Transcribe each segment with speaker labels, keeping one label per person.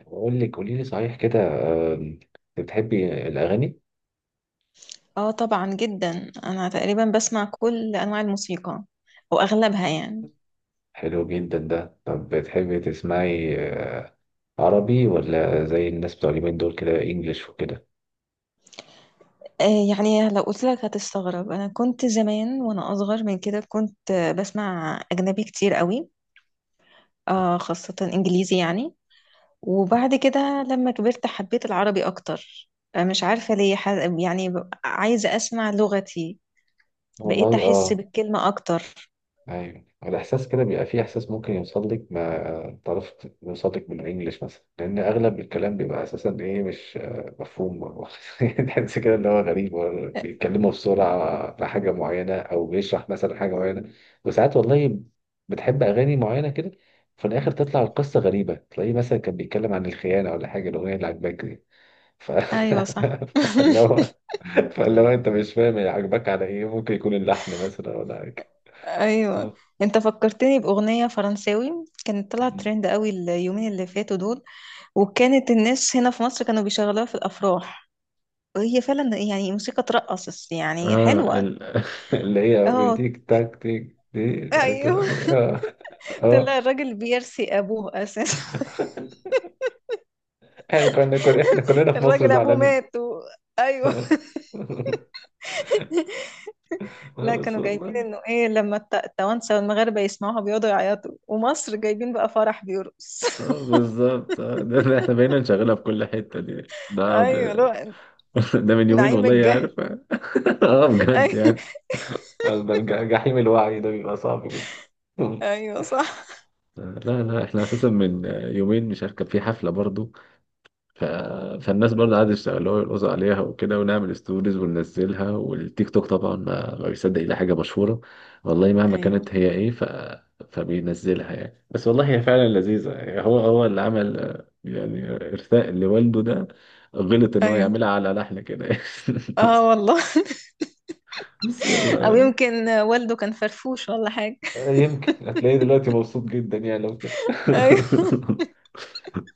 Speaker 1: بقول لك قولي لي صحيح كده. آم، بتحبي الأغاني؟
Speaker 2: اه طبعا جدا، انا تقريبا بسمع كل انواع الموسيقى او اغلبها يعني.
Speaker 1: حلو جدا ده. طب بتحبي تسمعي عربي ولا زي الناس بتوع اليومين دول كده انجلش وكده؟
Speaker 2: يعني لو قلت لك هتستغرب، انا كنت زمان وانا اصغر من كده كنت بسمع اجنبي كتير قوي. خاصة انجليزي يعني. وبعد كده لما كبرت حبيت العربي اكتر. مش عارفة ليه يعني عايزة اسمع لغتي. بقيت
Speaker 1: والله
Speaker 2: احس
Speaker 1: اه.
Speaker 2: بالكلمة اكتر.
Speaker 1: ايوه الاحساس كده بيبقى فيه احساس ممكن يوصل لك ما تعرف يوصل لك بالانجلش مثلا لان اغلب الكلام بيبقى اساسا ايه مش مفهوم يعني تحس كده ان هو غريب. هو
Speaker 2: آه.
Speaker 1: بيتكلموا بسرعه في حاجه معينه او بيشرح مثلا حاجه معينه وساعات والله بتحب اغاني معينه كده في الاخر تطلع القصه غريبه تلاقيه مثلا كان بيتكلم عن الخيانه ولا حاجه الاغنيه اللي عجباك دي. ف...
Speaker 2: ايوه، صح.
Speaker 1: فاللي هو فاللي هو انت مش فاهم هي عجباك على ايه، ممكن يكون اللحن مثلا ولا حاجه.
Speaker 2: ايوه، انت فكرتني باغنيه فرنساوي كانت طلعت ترند قوي اليومين اللي فاتوا دول، وكانت الناس هنا في مصر كانوا بيشغلوها في الافراح، وهي فعلا يعني موسيقى ترقص يعني
Speaker 1: اه
Speaker 2: حلوه.
Speaker 1: ال... اللي هي
Speaker 2: اه،
Speaker 1: بتيك تاك تيك دي بتقول
Speaker 2: ايوه.
Speaker 1: إيه؟ اه. اه
Speaker 2: طلع الراجل بيرثي ابوه اساسا.
Speaker 1: احنا كنا احنا كلنا في مصر
Speaker 2: الراجل ابوه
Speaker 1: زعلانين.
Speaker 2: مات. ايوه.
Speaker 1: اه
Speaker 2: لا،
Speaker 1: بس
Speaker 2: كانوا جايبين
Speaker 1: والله.
Speaker 2: انه ايه لما التوانسه والمغاربه يسمعوها بيقعدوا يعيطوا، ومصر جايبين بقى فرح بيرقص.
Speaker 1: اه بالظبط. ده احنا بقينا نشغلها في كل حتة.
Speaker 2: ايوه، لا.
Speaker 1: ده من يومين
Speaker 2: نعيم
Speaker 1: والله
Speaker 2: الجهل.
Speaker 1: عارف. اه بجد يعني.
Speaker 2: ايوه.
Speaker 1: ده جحيم الوعي ده بيبقى صعب جدا.
Speaker 2: أيوة، صح.
Speaker 1: لا لا، احنا اساسا من يومين، مش عارف، كان في حفلة برضو. ف... فالناس برضه قعدوا يشتغلوها ويرقصوا عليها وكده، ونعمل ستوريز وننزلها. والتيك توك طبعا ما بيصدق إلا حاجة مشهورة والله مهما
Speaker 2: ايوه.
Speaker 1: كانت هي إيه. فبينزلها يعني. بس والله هي فعلا لذيذة يعني. هو اللي عمل يعني إرثاء لوالده، ده غلط إن هو
Speaker 2: ايوه،
Speaker 1: يعملها على لحن كده. بس،
Speaker 2: اه والله.
Speaker 1: بس
Speaker 2: او
Speaker 1: يلا.
Speaker 2: يمكن والده كان فرفوش ولا حاجة.
Speaker 1: يمكن هتلاقيه دلوقتي مبسوط جدا يعني لو كده.
Speaker 2: ايوه.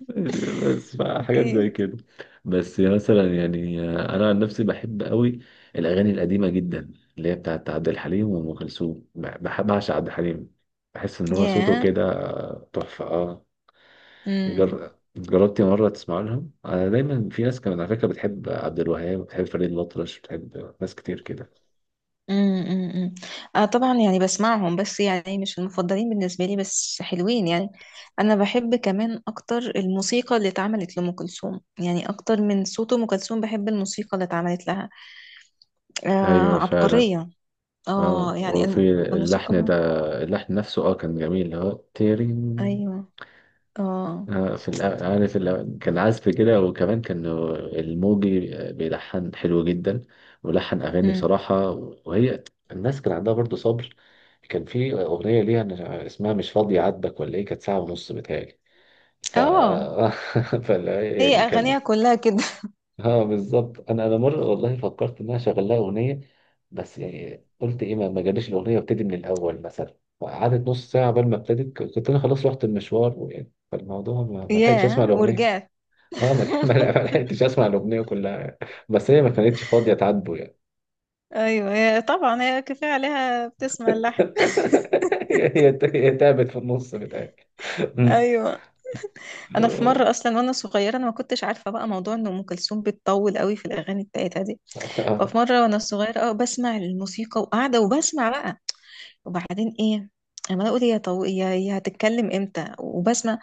Speaker 1: ماشي، بس حاجات
Speaker 2: اكيد.
Speaker 1: زي كده. بس مثلا يعني انا عن نفسي بحب قوي الاغاني القديمه جدا، اللي هي بتاعت عبد الحليم وام كلثوم. بحب بعشق عبد الحليم. بحس ان هو صوته
Speaker 2: ياه.
Speaker 1: كده تحفه، اه.
Speaker 2: امم،
Speaker 1: جربتي مره تسمع لهم؟ انا دايما في ناس كمان على فكره بتحب عبد الوهاب، بتحب فريد الأطرش، بتحب ناس كتير كده.
Speaker 2: امم، امم، اه طبعا، يعني بسمعهم، بس يعني مش المفضلين بالنسبة لي، بس حلوين يعني. انا بحب كمان اكتر الموسيقى اللي اتعملت لأم كلثوم، يعني اكتر من صوت أم كلثوم بحب الموسيقى اللي اتعملت لها. آه،
Speaker 1: ايوه فعلا.
Speaker 2: عبقرية. اه
Speaker 1: اه
Speaker 2: يعني
Speaker 1: وفي اللحن ده،
Speaker 2: الموسيقى.
Speaker 1: اللحن نفسه اه كان جميل، اللي هو تيرين.
Speaker 2: ايوه. اه.
Speaker 1: في عارف كان عزف كده وكمان كان الموجي بيلحن حلو جدا ولحن أغاني
Speaker 2: امم.
Speaker 1: بصراحة. وهي الناس كان عندها برضه صبر. كان في أغنية اسمها مش فاضية عاتبك ولا إيه، كانت ساعة ونص بتهيألي. ف
Speaker 2: اه.
Speaker 1: فلا
Speaker 2: هي
Speaker 1: يعني كان.
Speaker 2: اغانيها كلها كده.
Speaker 1: اه بالظبط. أنا مرة والله فكرت إن أنا أشغل لها أغنية، بس يعني قلت إيه، ما جاليش الأغنية، وابتدي من الأول مثلا قعدت نص ساعة قبل ما ابتدت. كنت أنا خلاص رحت المشوار ويعني فالموضوع ما لحقتش أسمع
Speaker 2: ياه،
Speaker 1: الأغنية.
Speaker 2: ورجعت.
Speaker 1: اه ما لح- ما لحقتش اسمع الاغنيه كلها، بس هي ما كانتش فاضيه تعاتبه يعني.
Speaker 2: ايوه، هي طبعا هي كفايه عليها بتسمع اللحن.
Speaker 1: هي تعبت في النص بتاعي. أمم.
Speaker 2: ايوه. انا في
Speaker 1: آه.
Speaker 2: مره اصلا وانا صغيره، انا ما كنتش عارفه بقى موضوع ان ام كلثوم بتطول قوي في الاغاني بتاعتها دي.
Speaker 1: آه
Speaker 2: ففي مره وانا صغيره بسمع الموسيقى وقاعده وبسمع بقى. وبعدين ايه؟ اما اقول يا يا يا هتتكلم امتى؟ وبسمع.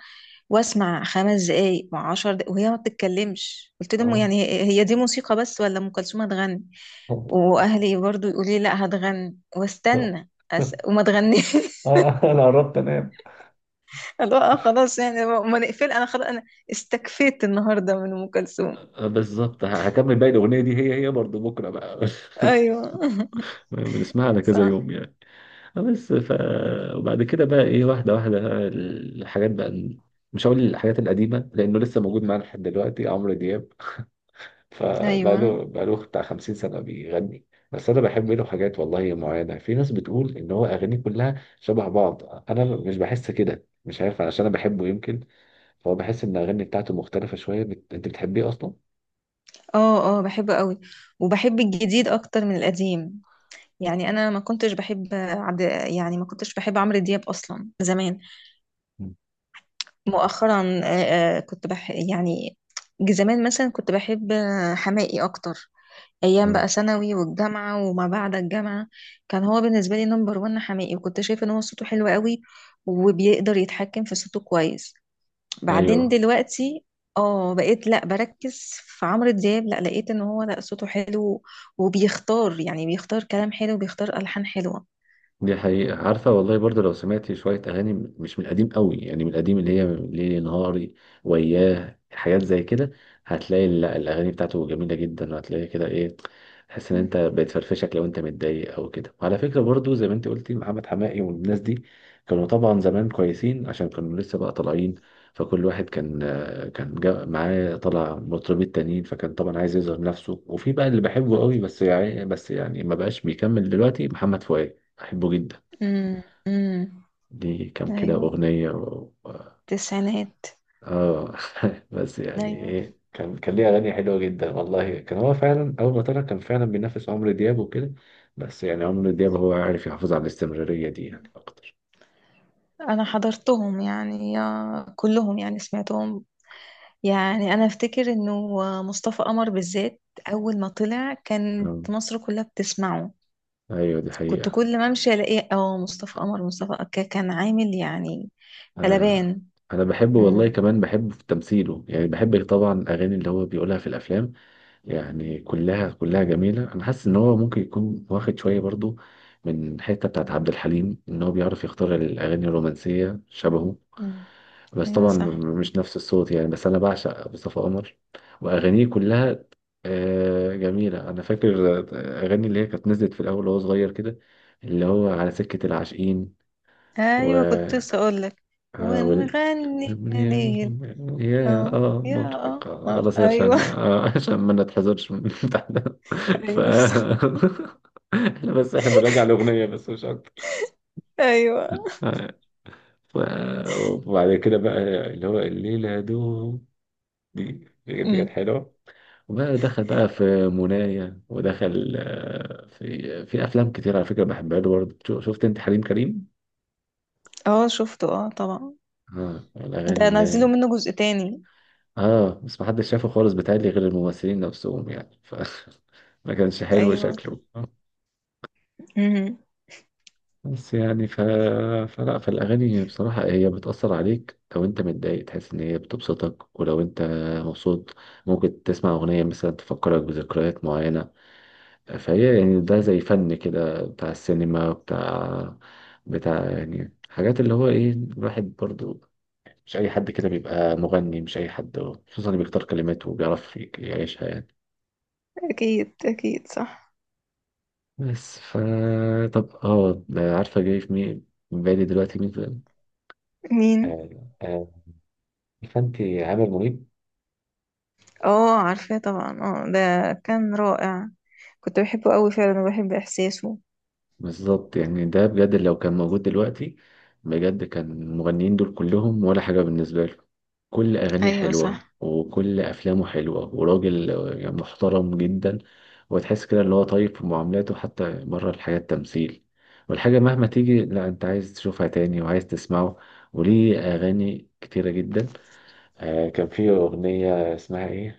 Speaker 2: واسمع 5 دقايق و10 دقايق وهي ما بتتكلمش، قلت لهم
Speaker 1: آه.
Speaker 2: يعني هي هي دي موسيقى بس ولا ام كلثوم هتغني؟ واهلي برضو يقولي لا هتغني،
Speaker 1: آه.
Speaker 2: واستنى وما تغنيش.
Speaker 1: انا قربت انام.
Speaker 2: اللي هو خلاص يعني ما نقفل، انا خلاص، انا استكفيت النهارده من ام كلثوم.
Speaker 1: بالظبط، هكمل باقي الاغنيه دي هي. هي برضه بكره بقى.
Speaker 2: ايوه.
Speaker 1: بنسمعها على كذا
Speaker 2: صح.
Speaker 1: يوم يعني. بس ف، وبعد كده بقى ايه، واحده واحده بقى الحاجات بقى. مش هقول الحاجات القديمه لانه لسه موجود معانا لحد دلوقتي عمرو دياب.
Speaker 2: ايوه،
Speaker 1: فبقاله بتاع 50 سنة بيغني. بس أنا بحب له حاجات والله معينة. في ناس بتقول إن هو أغانيه كلها شبه بعض، أنا مش بحس كده، مش عارف علشان أنا بحبه يمكن، فهو بحس إن الأغاني بتاعته مختلفة شوية. أنت بتحبيه أصلا؟
Speaker 2: اه اه بحبه قوي. وبحب الجديد اكتر من القديم. يعني انا ما كنتش بحب عبد. يعني ما كنتش بحب عمرو دياب اصلا زمان. مؤخرا كنت يعني. زمان مثلا كنت بحب حماقي اكتر. ايام بقى
Speaker 1: مم.
Speaker 2: ثانوي والجامعه وما بعد الجامعه. كان هو بالنسبه لي نمبر وان حماقي، وكنت شايفه ان هو صوته حلو قوي. وبيقدر يتحكم في صوته كويس. بعدين
Speaker 1: ايوه
Speaker 2: دلوقتي اه بقيت لا بركز في عمرو دياب، لا لقيت ان هو لا صوته حلو. وبيختار، يعني بيختار كلام حلو، بيختار الحان حلوه.
Speaker 1: دي حقيقة. عارفة والله برضه لو سمعتي شوية أغاني، مش من القديم قوي، يعني من القديم اللي هي ليلي نهاري وياه، حاجات زي كده، هتلاقي الأغاني بتاعته جميلة جدا، وهتلاقي كده إيه، تحس إن
Speaker 2: مم.
Speaker 1: أنت بتفرفشك لو أنت متضايق أو كده. وعلى فكرة برضه، زي ما أنت قلتي، محمد حماقي والناس دي كانوا طبعا زمان كويسين عشان كانوا لسه بقى طالعين، فكل واحد كان جا معاه طلع مطربين تانيين، فكان طبعا عايز يظهر نفسه. وفي بقى اللي بحبه قوي، بس يعني بس يعني ما بقاش بيكمل دلوقتي، محمد فؤاد بحبه جدا،
Speaker 2: امم، امم.
Speaker 1: ليه كام كده
Speaker 2: ايوه،
Speaker 1: أغنية و...
Speaker 2: التسعينات.
Speaker 1: آه بس يعني
Speaker 2: ايوه،
Speaker 1: إيه، كان ليه أغاني حلوة جدا والله. كان هو فعلا أول ما طلع كان فعلا بينافس عمرو دياب وكده، بس يعني عمرو دياب هو عارف يحافظ على الاستمرارية دي يعني أكتر.
Speaker 2: انا حضرتهم يعني كلهم يعني سمعتهم. يعني انا افتكر انه مصطفى قمر بالذات اول ما طلع كانت
Speaker 1: آم،
Speaker 2: مصر كلها بتسمعه.
Speaker 1: أيوة دي
Speaker 2: كنت
Speaker 1: حقيقة.
Speaker 2: كل ما امشي الاقيه مصطفى قمر، مصطفى قمر. كان عامل يعني
Speaker 1: أنا
Speaker 2: قلبان.
Speaker 1: أنا بحبه والله،
Speaker 2: مم.
Speaker 1: كمان بحبه في تمثيله يعني. بحب طبعا الأغاني اللي هو بيقولها في الأفلام، يعني كلها كلها جميلة. أنا حاسس إن هو ممكن يكون واخد شوية برضو من الحتة بتاعت عبد الحليم، إن هو بيعرف يختار الأغاني الرومانسية شبهه.
Speaker 2: مم.
Speaker 1: بس
Speaker 2: ايوه،
Speaker 1: طبعا
Speaker 2: صح.
Speaker 1: مش نفس الصوت يعني. بس أنا بعشق مصطفى قمر وأغانيه كلها جميلة. أنا فاكر أغاني اللي هي كانت نزلت في الأول وهو صغير كده، اللي هو على سكة العاشقين و...
Speaker 2: ايوه، كنت لسه اقول لك. ونغني يا
Speaker 1: ابني
Speaker 2: ليل،
Speaker 1: يا
Speaker 2: اه
Speaker 1: اه
Speaker 2: يا
Speaker 1: مرهق.
Speaker 2: قمر.
Speaker 1: خلاص
Speaker 2: ايوه.
Speaker 1: عشان عشان ما نتحذرش من الامتحان ف
Speaker 2: ايوه، صح.
Speaker 1: احنا بس، احنا بنراجع الاغنيه بس مش اكتر.
Speaker 2: ايوه.
Speaker 1: آه. ف... وبعد كده بقى، اللي هو الليله دوم، دي دي كانت
Speaker 2: مم.
Speaker 1: حلوه. وبقى دخل بقى في منايا، ودخل في في افلام كتير على فكره بحبها له برضه. شفت انت حليم كريم؟
Speaker 2: اه، شفته، اه طبعا.
Speaker 1: اه
Speaker 2: ده
Speaker 1: الاغاني اللي
Speaker 2: نزلوا
Speaker 1: هي
Speaker 2: منه جزء تاني.
Speaker 1: اه، بس محدش شافه خالص بتهيألي غير الممثلين نفسهم يعني. ف ما كانش حلو
Speaker 2: ايوه.
Speaker 1: شكله.
Speaker 2: مم.
Speaker 1: بس يعني فلا، فالأغاني بصراحة هي بتأثر عليك، لو أنت متضايق تحس إن هي بتبسطك، ولو أنت مبسوط ممكن تسمع أغنية مثلا تفكرك بذكريات معينة. فهي يعني ده زي فن كده بتاع السينما، بتاع يعني حاجات اللي هو إيه. الواحد برضو مش أي حد كده بيبقى مغني، مش أي حد، خصوصا اللي بيختار كلماته وبيعرف يعيشها يعني.
Speaker 2: اكيد، اكيد، صح.
Speaker 1: بس ف، طب اه، عارفة جاي في مين في بالي دلوقتي؟ مين في-
Speaker 2: مين؟
Speaker 1: آه، آه، فانتي عامر منيب.
Speaker 2: اه، عارفاه طبعا، ده كان رائع. كنت بحبه قوي فعلا، وبحب احساسه.
Speaker 1: بالظبط يعني ده بجد لو كان موجود دلوقتي بجد كان المغنيين دول كلهم ولا حاجة بالنسبة له. كل أغانيه
Speaker 2: ايوه،
Speaker 1: حلوة
Speaker 2: صح.
Speaker 1: وكل أفلامه حلوة وراجل يعني محترم جدا، وتحس كده اللي هو طيب في معاملاته حتى بره الحياة التمثيل، والحاجة مهما تيجي لا، أنت عايز تشوفها تاني وعايز تسمعه. وليه أغاني كتيرة جدا. آه كان في أغنية اسمها إيه؟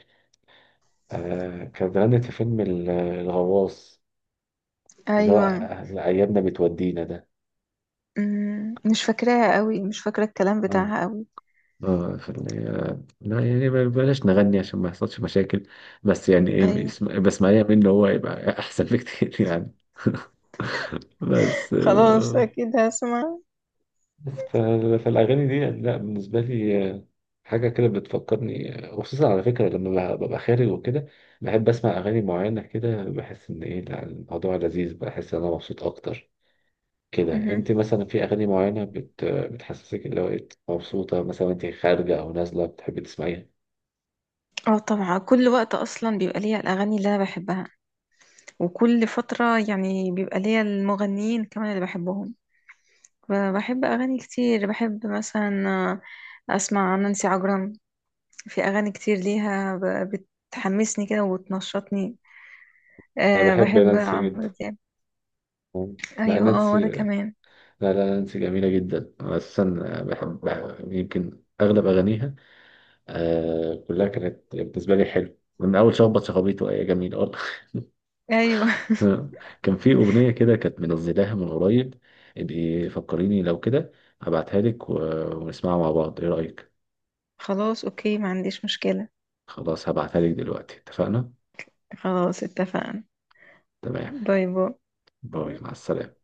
Speaker 1: آه كانت غنت في فيلم الغواص، اللي هو
Speaker 2: ايوه.
Speaker 1: أيامنا بتودينا ده.
Speaker 2: مش فاكراها قوي، مش فاكره الكلام
Speaker 1: اه
Speaker 2: بتاعها قوي.
Speaker 1: اه في لا يعني بلاش نغني عشان ما يحصلش مشاكل، بس يعني ايه،
Speaker 2: ايوه،
Speaker 1: بسمعيها منه هو يبقى احسن بكتير يعني. بس
Speaker 2: خلاص
Speaker 1: آه.
Speaker 2: اكيد هسمع.
Speaker 1: ف، فالأغاني دي لا بالنسبة لي حاجة كده بتفكرني وخصوصا على فكرة لما ببقى خارج وكده بحب أسمع أغاني معينة كده، بحس إن إيه لا، الموضوع لذيذ، بحس إن أنا مبسوط أكتر كده.
Speaker 2: مهم.
Speaker 1: أنت مثلا في أغاني معينة بتحسسك اللي هو إيه مبسوطة، مثلا أنت خارجة أو نازلة بتحبي تسمعيها؟
Speaker 2: اه طبعا، كل وقت اصلا بيبقى ليا الاغاني اللي انا بحبها. وكل فتره يعني بيبقى ليا المغنيين كمان اللي بحبهم. بحب اغاني كتير، بحب مثلا اسمع نانسي عجرم. في اغاني كتير ليها بتحمسني كده وتنشطني.
Speaker 1: أنا بحب
Speaker 2: بحب
Speaker 1: نانسي
Speaker 2: عمرو
Speaker 1: جدا.
Speaker 2: دياب.
Speaker 1: لا
Speaker 2: ايوه، اه،
Speaker 1: نانسي،
Speaker 2: وانا
Speaker 1: لا
Speaker 2: كمان.
Speaker 1: لا نانسي جميلة جدا. أنا أساسا بحب يمكن أغلب أغانيها، آه كلها كانت بالنسبة لي حلوة من أول شخبط شخابيطه، آه جميل أه.
Speaker 2: ايوه.
Speaker 1: كان في أغنية كده كانت منزلاها من قريب، ابقي فكريني لو كده هبعتها لك ونسمعها مع بعض، إيه رأيك؟
Speaker 2: خلاص اوكي، ما عنديش مشكلة.
Speaker 1: خلاص هبعتها لك دلوقتي، اتفقنا؟
Speaker 2: خلاص، اتفقنا.
Speaker 1: تمام.
Speaker 2: باي باي.
Speaker 1: باي مع السلامة.